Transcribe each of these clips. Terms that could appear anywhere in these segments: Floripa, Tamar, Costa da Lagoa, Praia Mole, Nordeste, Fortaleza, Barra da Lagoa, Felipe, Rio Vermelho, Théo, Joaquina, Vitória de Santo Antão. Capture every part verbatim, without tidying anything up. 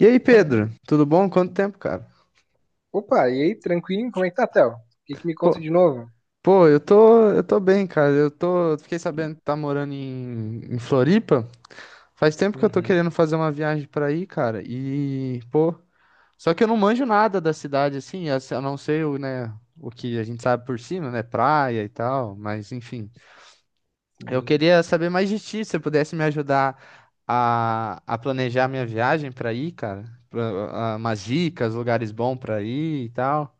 E aí, Pedro, tudo bom? Quanto tempo, cara? Opa, e aí, tranquilo? Como é que tá, Théo? O que que me conta Pô, de novo? pô, eu tô, eu tô bem, cara. Eu tô, eu fiquei sabendo que tá morando em, em Floripa. Faz tempo que eu tô Uhum, querendo fazer uma viagem pra aí, cara. E, pô, só que eu não manjo nada da cidade assim, a a não ser o, né, o que a gente sabe por cima, né, praia e tal, mas enfim. Eu sim. queria saber mais de ti, se você pudesse me ajudar a, a planejar minha viagem pra aí, cara. Pra, a- umas dicas, lugares bons pra ir e tal.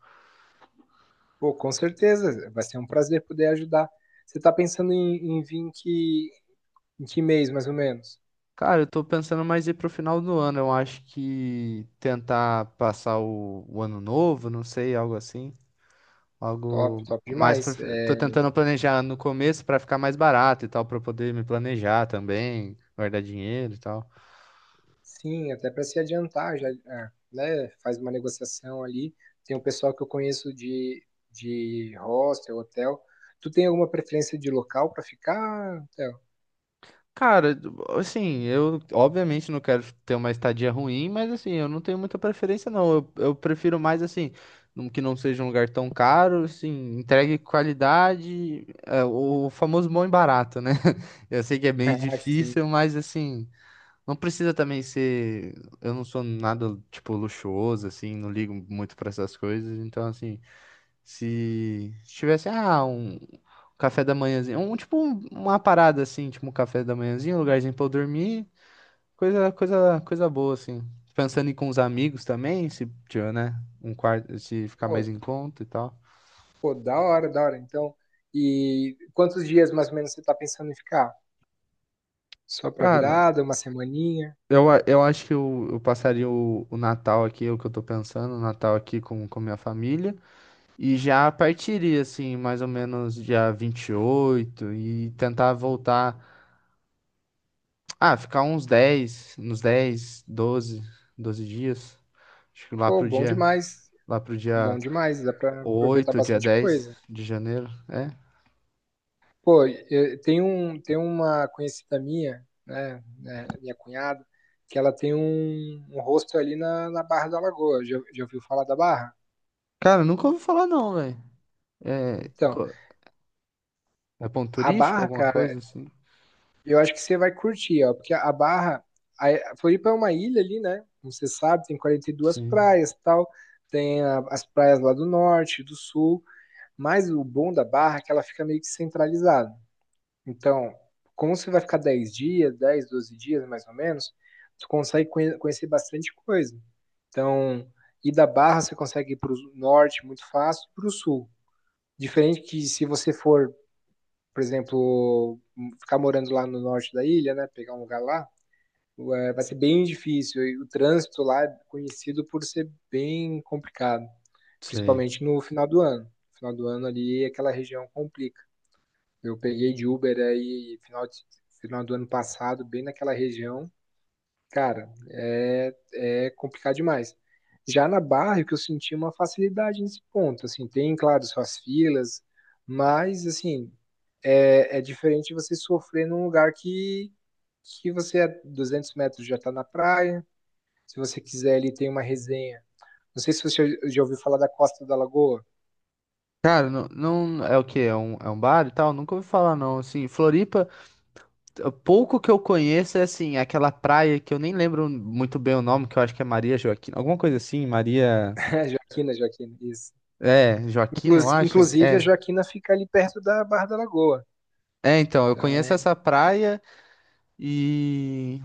Pô, com certeza, vai ser um prazer poder ajudar. Você tá pensando em, em vir em que, em que mês, mais ou menos? Cara, eu tô pensando mais ir pro final do ano. Eu acho que tentar passar o, o ano novo, não sei, algo assim. Top, Algo top mais pro... demais. fi- Tô É, tentando planejar no começo pra ficar mais barato e tal, pra eu poder me planejar também, guardar dinheiro e tal. sim, até para se adiantar, já, é, né, faz uma negociação ali. Tem um pessoal que eu conheço de, de hostel, hotel. Tu tem alguma preferência de local para ficar, Théo? Cara, assim, eu obviamente não quero ter uma estadia ruim, mas assim, eu não tenho muita preferência, não. Eu, eu prefiro mais assim, num- que não seja um lugar tão caro, assim, entregue qualidade, é, o famoso bom e barato, né? Eu sei que é meio Ah, sim. difícil, mas assim, não precisa também ser. Eu não sou nada, tipo, luxuoso, assim, não ligo muito pra essas coisas, então assim. Se se tivesse, ah, um café da manhãzinho, um tipo um- uma parada assim, tipo um café da manhãzinho, um lugarzinho pra eu dormir, coisa, coisa, coisa boa assim. Pensando em ir com os amigos também, se tiver, né, um quarto, se ficar mais em conta e tal. Pô, da hora, da hora. Então, e quantos dias mais ou menos você tá pensando em ficar? Só pra Cara, virada, uma semaninha? eu, a- eu acho que eu, eu passaria o, o Natal aqui, é o que eu tô pensando, o Natal aqui com, com minha família, e já partiria assim, mais ou menos dia vinte e oito e tentar voltar. Ah, ficar uns dez, uns dez, doze, doze dias. Acho que lá Pô, pro bom dia, demais. lá pro Bom dia demais, dá pra aproveitar oito, dia bastante dez coisa. de janeiro. É. Pô, eu- tem um, tem uma conhecida minha, né, né, minha cunhada, que ela tem um, um rosto ali na, na Barra da Lagoa. Já, já ouviu falar da Barra? Cara, nunca ouvi falar não, velho. É, Então, co- é ponto a turístico, Barra, alguma cara, coisa assim? eu acho que você vai curtir, ó, porque a Barra, a a Floripa é uma ilha ali, né? Como você sabe, tem quarenta e duas Sim, praias, tal, tem a- as praias lá do norte, do sul, mas o bom da Barra é que ela fica meio que centralizada. Então, como você vai ficar dez dias, dez, doze dias mais ou menos, tu consegue conhe- conhecer bastante coisa. Então, ir da Barra você consegue ir para o norte muito fácil, para o sul. Diferente que se você for, por exemplo, hum, ficar morando lá no norte da ilha, né? Pegar um lugar lá, é, vai ser bem difícil. E o trânsito lá é conhecido por ser bem complicado, sei. principalmente no final do ano. No final do ano ali, aquela região complica. Eu peguei de Uber aí final, de- final do ano passado, bem naquela região. Cara, é, é complicado demais. Já na Barra, que eu senti é uma facilidade nesse ponto, assim, tem, claro, suas filas, mas, assim, é, é diferente você sofrer num lugar que, que você, a duzentos metros, já está na praia. Se você quiser, ali tem uma resenha. Não sei se você já ouviu falar da Costa da Lagoa. Cara, não, não é o quê? É um, é um bar e tal? Nunca ouvi falar não, assim. Floripa, t- pouco que eu conheço é assim, aquela praia que eu nem lembro muito bem o nome, que eu acho que é Maria Joaquina, alguma coisa assim, Maria, É, Joaquina, Joaquina, isso. é, Joaquina, eu Inclus- acho. Inclusive, a É. Joaquina fica ali perto da Barra da Lagoa. É, então, eu conheço Então, essa praia e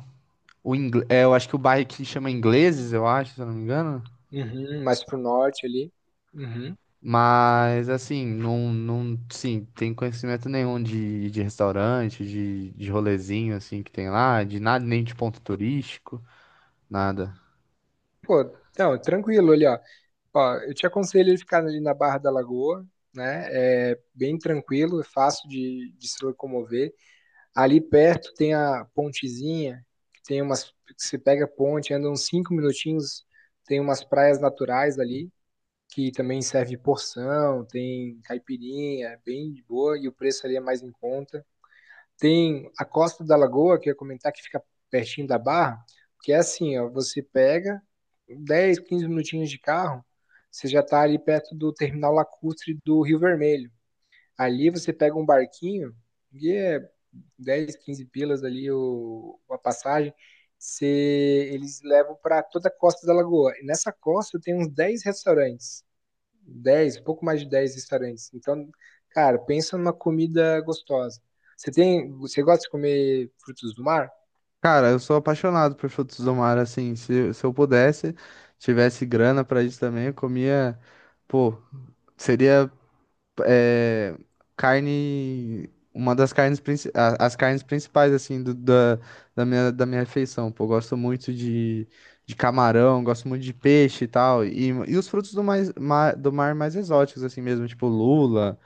o ingle... é, eu acho que o bairro aqui chama Ingleses, eu acho, se eu não me engano. uhum, mais pro norte ali. Uhum. Mas assim, não, não, sim, tem conhecimento nenhum de, de restaurante, de, de rolezinho assim que tem lá, de nada, nem de ponto turístico, nada. Pô, não, tranquilo ali, ó. Ó, eu te aconselho ele ficar ali na Barra da Lagoa, né? É bem tranquilo, é fácil de, de se locomover. Ali perto tem a pontezinha, que tem umas, você pega a ponte, anda uns cinco minutinhos, tem umas praias naturais ali, que também serve porção, tem caipirinha, é bem de boa, e o preço ali é mais em conta. Tem a Costa da Lagoa, que eu ia comentar, que fica pertinho da Barra, que é assim, ó, você pega dez, quinze minutinhos de carro, você já está ali perto do terminal lacustre do Rio Vermelho. Ali você pega um barquinho, e é dez, quinze pilas ali o, a passagem. Você, eles levam para toda a Costa da Lagoa. E nessa costa tem uns dez restaurantes. dez, pouco mais de dez restaurantes. Então, cara, pensa numa comida gostosa. Você tem, você gosta de comer frutos do mar? Cara, eu sou apaixonado por frutos do mar, assim, se, se eu pudesse, tivesse grana pra isso também, eu comia, pô, seria é, carne, uma das carnes, princi- a- as carnes principais, assim, do- da, da minha, da minha refeição. Pô, eu gosto muito de, de camarão, gosto muito de peixe e tal. E, e os frutos do, mais, ma- do mar mais exóticos, assim mesmo, tipo lula,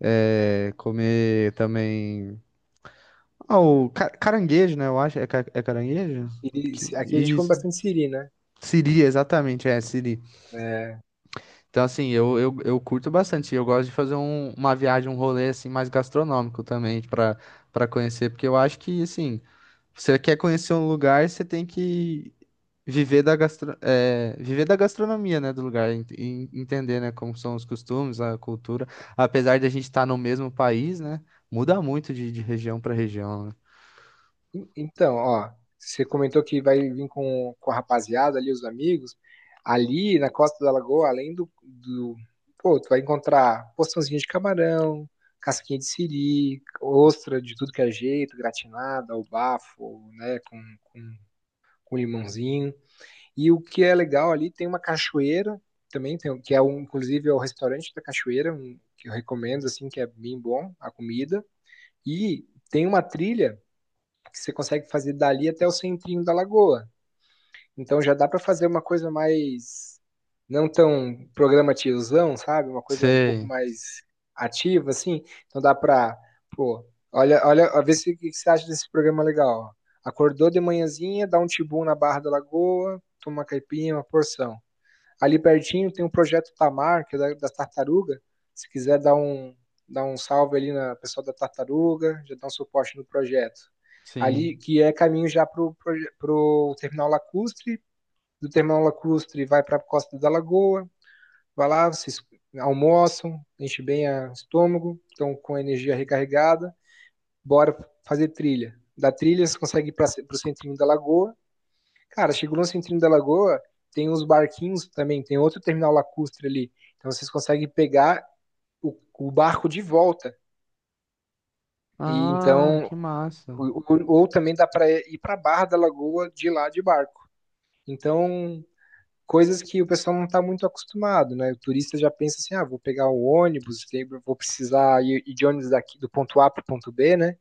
é, comer também. Ah, o ca- caranguejo, né? Eu acho. É, ca- é caranguejo? E Que, se- Aqui a gente come isso. bastante siri, né? Siri, exatamente, é, siri. É, Então, assim, eu, eu, eu curto bastante. Eu gosto de fazer um- uma viagem, um rolê, assim, mais gastronômico também, para para conhecer. Porque eu acho que, assim, você quer conhecer um lugar, você tem que viver da gastro, é, viver da gastronomia, né, do lugar. ent- E entender, né, como são os costumes, a cultura. Apesar de a gente estar no mesmo país, né, muda muito de, de região para região, né? en- então, ó, você comentou que vai vir com, com a rapaziada ali, os amigos. Ali na Costa da Lagoa, além do, do- pô, tu vai encontrar porçãozinha de camarão, casquinha de siri, ostra de tudo que é jeito, gratinada, ao bafo, né? Com, com, com limãozinho. E o que é legal ali, tem uma cachoeira também, tem, que é um, inclusive é o restaurante da cachoeira, um, que eu recomendo, assim, que é bem bom a comida. E tem uma trilha que você consegue fazer dali até o centrinho da Lagoa. Então já dá para fazer uma coisa mais não tão programativozão, sabe? Uma coisa um pouco Sei, mais ativa, assim. Então dá para, pô, olha, olha, ó, vê se o que você acha desse programa legal. Ó. Acordou de manhãzinha, dá um tibum na Barra da Lagoa, toma uma caipinha, uma porção. Ali pertinho tem um projeto Tamar, que é da, da Tartaruga. Se quiser dar um, dar um salve ali na pessoa da Tartaruga, já dá um suporte no projeto. Ali, sim. que é caminho já para o Terminal Lacustre. Do Terminal Lacustre vai para a Costa da Lagoa. Vai lá, vocês almoçam, enche bem o estômago, estão com a energia recarregada. Bora fazer trilha. Da trilha você consegue ir para o centrinho da Lagoa. Cara, chegou no centrinho da Lagoa, tem uns barquinhos também, tem outro terminal lacustre ali. Então vocês conseguem pegar o, o barco de volta. E Ah, então, que massa. ou, ou ou também dá para ir para a Barra da Lagoa de lá de barco. Então, coisas que o pessoal não está muito acostumado, né? O turista já pensa assim: ah, vou pegar o ônibus, tem- vou precisar ir ir de ônibus daqui do ponto A para o ponto B, né?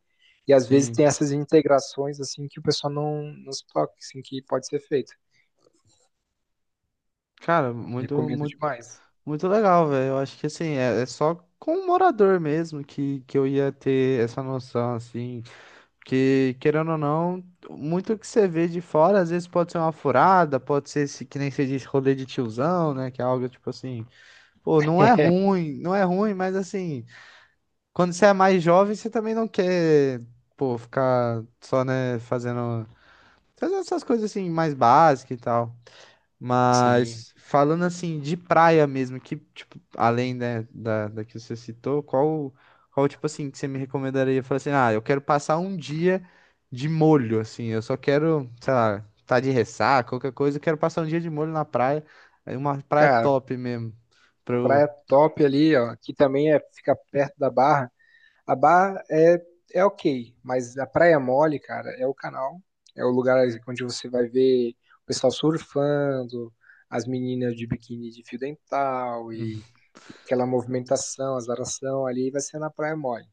E às vezes Sim. tem essas integrações assim que o pessoal não, não se toca, assim, que pode ser feito. Cara, muito, Recomendo muito demais. muito legal, velho. Eu acho que assim, é, é só com o morador mesmo que, que eu ia ter essa noção, assim. Que, querendo ou não, muito que você vê de fora, às vezes pode ser uma furada, pode ser esse, que nem você diz, rolê de tiozão, né? Que é algo tipo assim, pô, não é ruim, não é ruim, mas assim, quando você é mais jovem, você também não quer, pô, ficar só, né, fazendo, fazendo essas coisas assim, mais básicas e tal. Sim. Mas falando assim de praia mesmo, que tipo, além né, da, da que você citou, qual qual tipo assim que você me recomendaria? Falar assim, ah, eu quero passar um dia de molho, assim, eu só quero, sei lá, tá de ressaca, qualquer coisa, eu quero passar um dia de molho na praia, aí uma praia Cara, top mesmo, pro, praia top ali, ó. Aqui também é, fica perto da Barra. A Barra é, é ok, mas a Praia Mole, cara, é o canal. É o lugar onde você vai ver o pessoal surfando, as meninas de biquíni de fio dental hum, e, e aquela movimentação, azaração ali, vai ser na Praia Mole.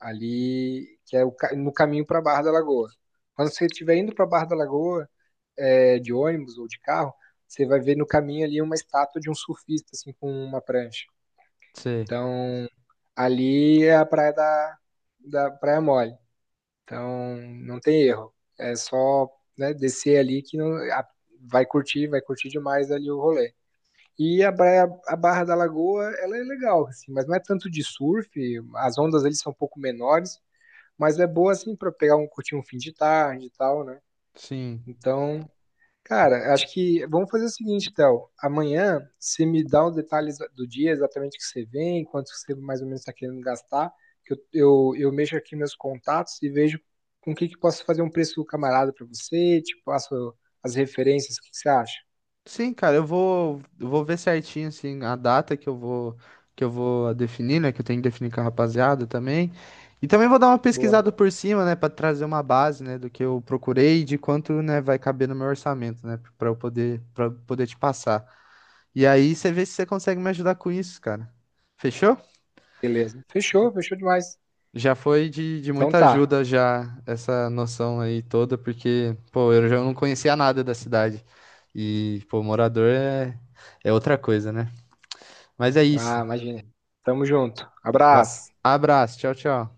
Ali, que é o ca- no caminho para Barra da Lagoa. Quando você estiver indo para Barra da Lagoa, é, de ônibus ou de carro, você vai ver no caminho ali uma estátua de um surfista, assim, com uma prancha. sei, Então, ali é a praia da, da Praia Mole. Então, não tem erro. É só, né, descer ali que não, a- vai curtir, vai curtir demais ali o rolê. E a praia, a Barra da Lagoa, ela é legal, assim, mas não é tanto de surf, as ondas ali são um pouco menores, mas é boa, assim, para pegar um, curtir um fim de tarde e tal, né? sim. Então, cara, acho que vamos fazer o seguinte, Théo. Amanhã você me dá os detalhes do dia, exatamente o que você vem, quanto que você mais ou menos está querendo gastar, que eu, eu, eu mexo aqui meus contatos e vejo com o que, que posso fazer um preço camarada para você, te passo as referências. O que, que você acha? Sim, cara, eu vou, eu vou ver certinho assim a data que eu vou que eu vou definir, né, que eu tenho que definir com a rapaziada também. E também vou dar uma Boa, pesquisada por cima, né, para trazer uma base, né, do que eu procurei e de quanto, né, vai caber no meu orçamento, né, para eu poder para poder te passar. E aí você vê se você consegue me ajudar com isso, cara. Fechou? beleza. Fechou, fechou demais. Já foi de, de Então muita tá. ajuda já essa noção aí toda, porque, pô, eu já não conhecia nada da cidade. E, pô, morador é é outra coisa, né? Mas é Ah, isso. imagina. Tamo junto. Va- Abraço. Abraço, tchau, tchau.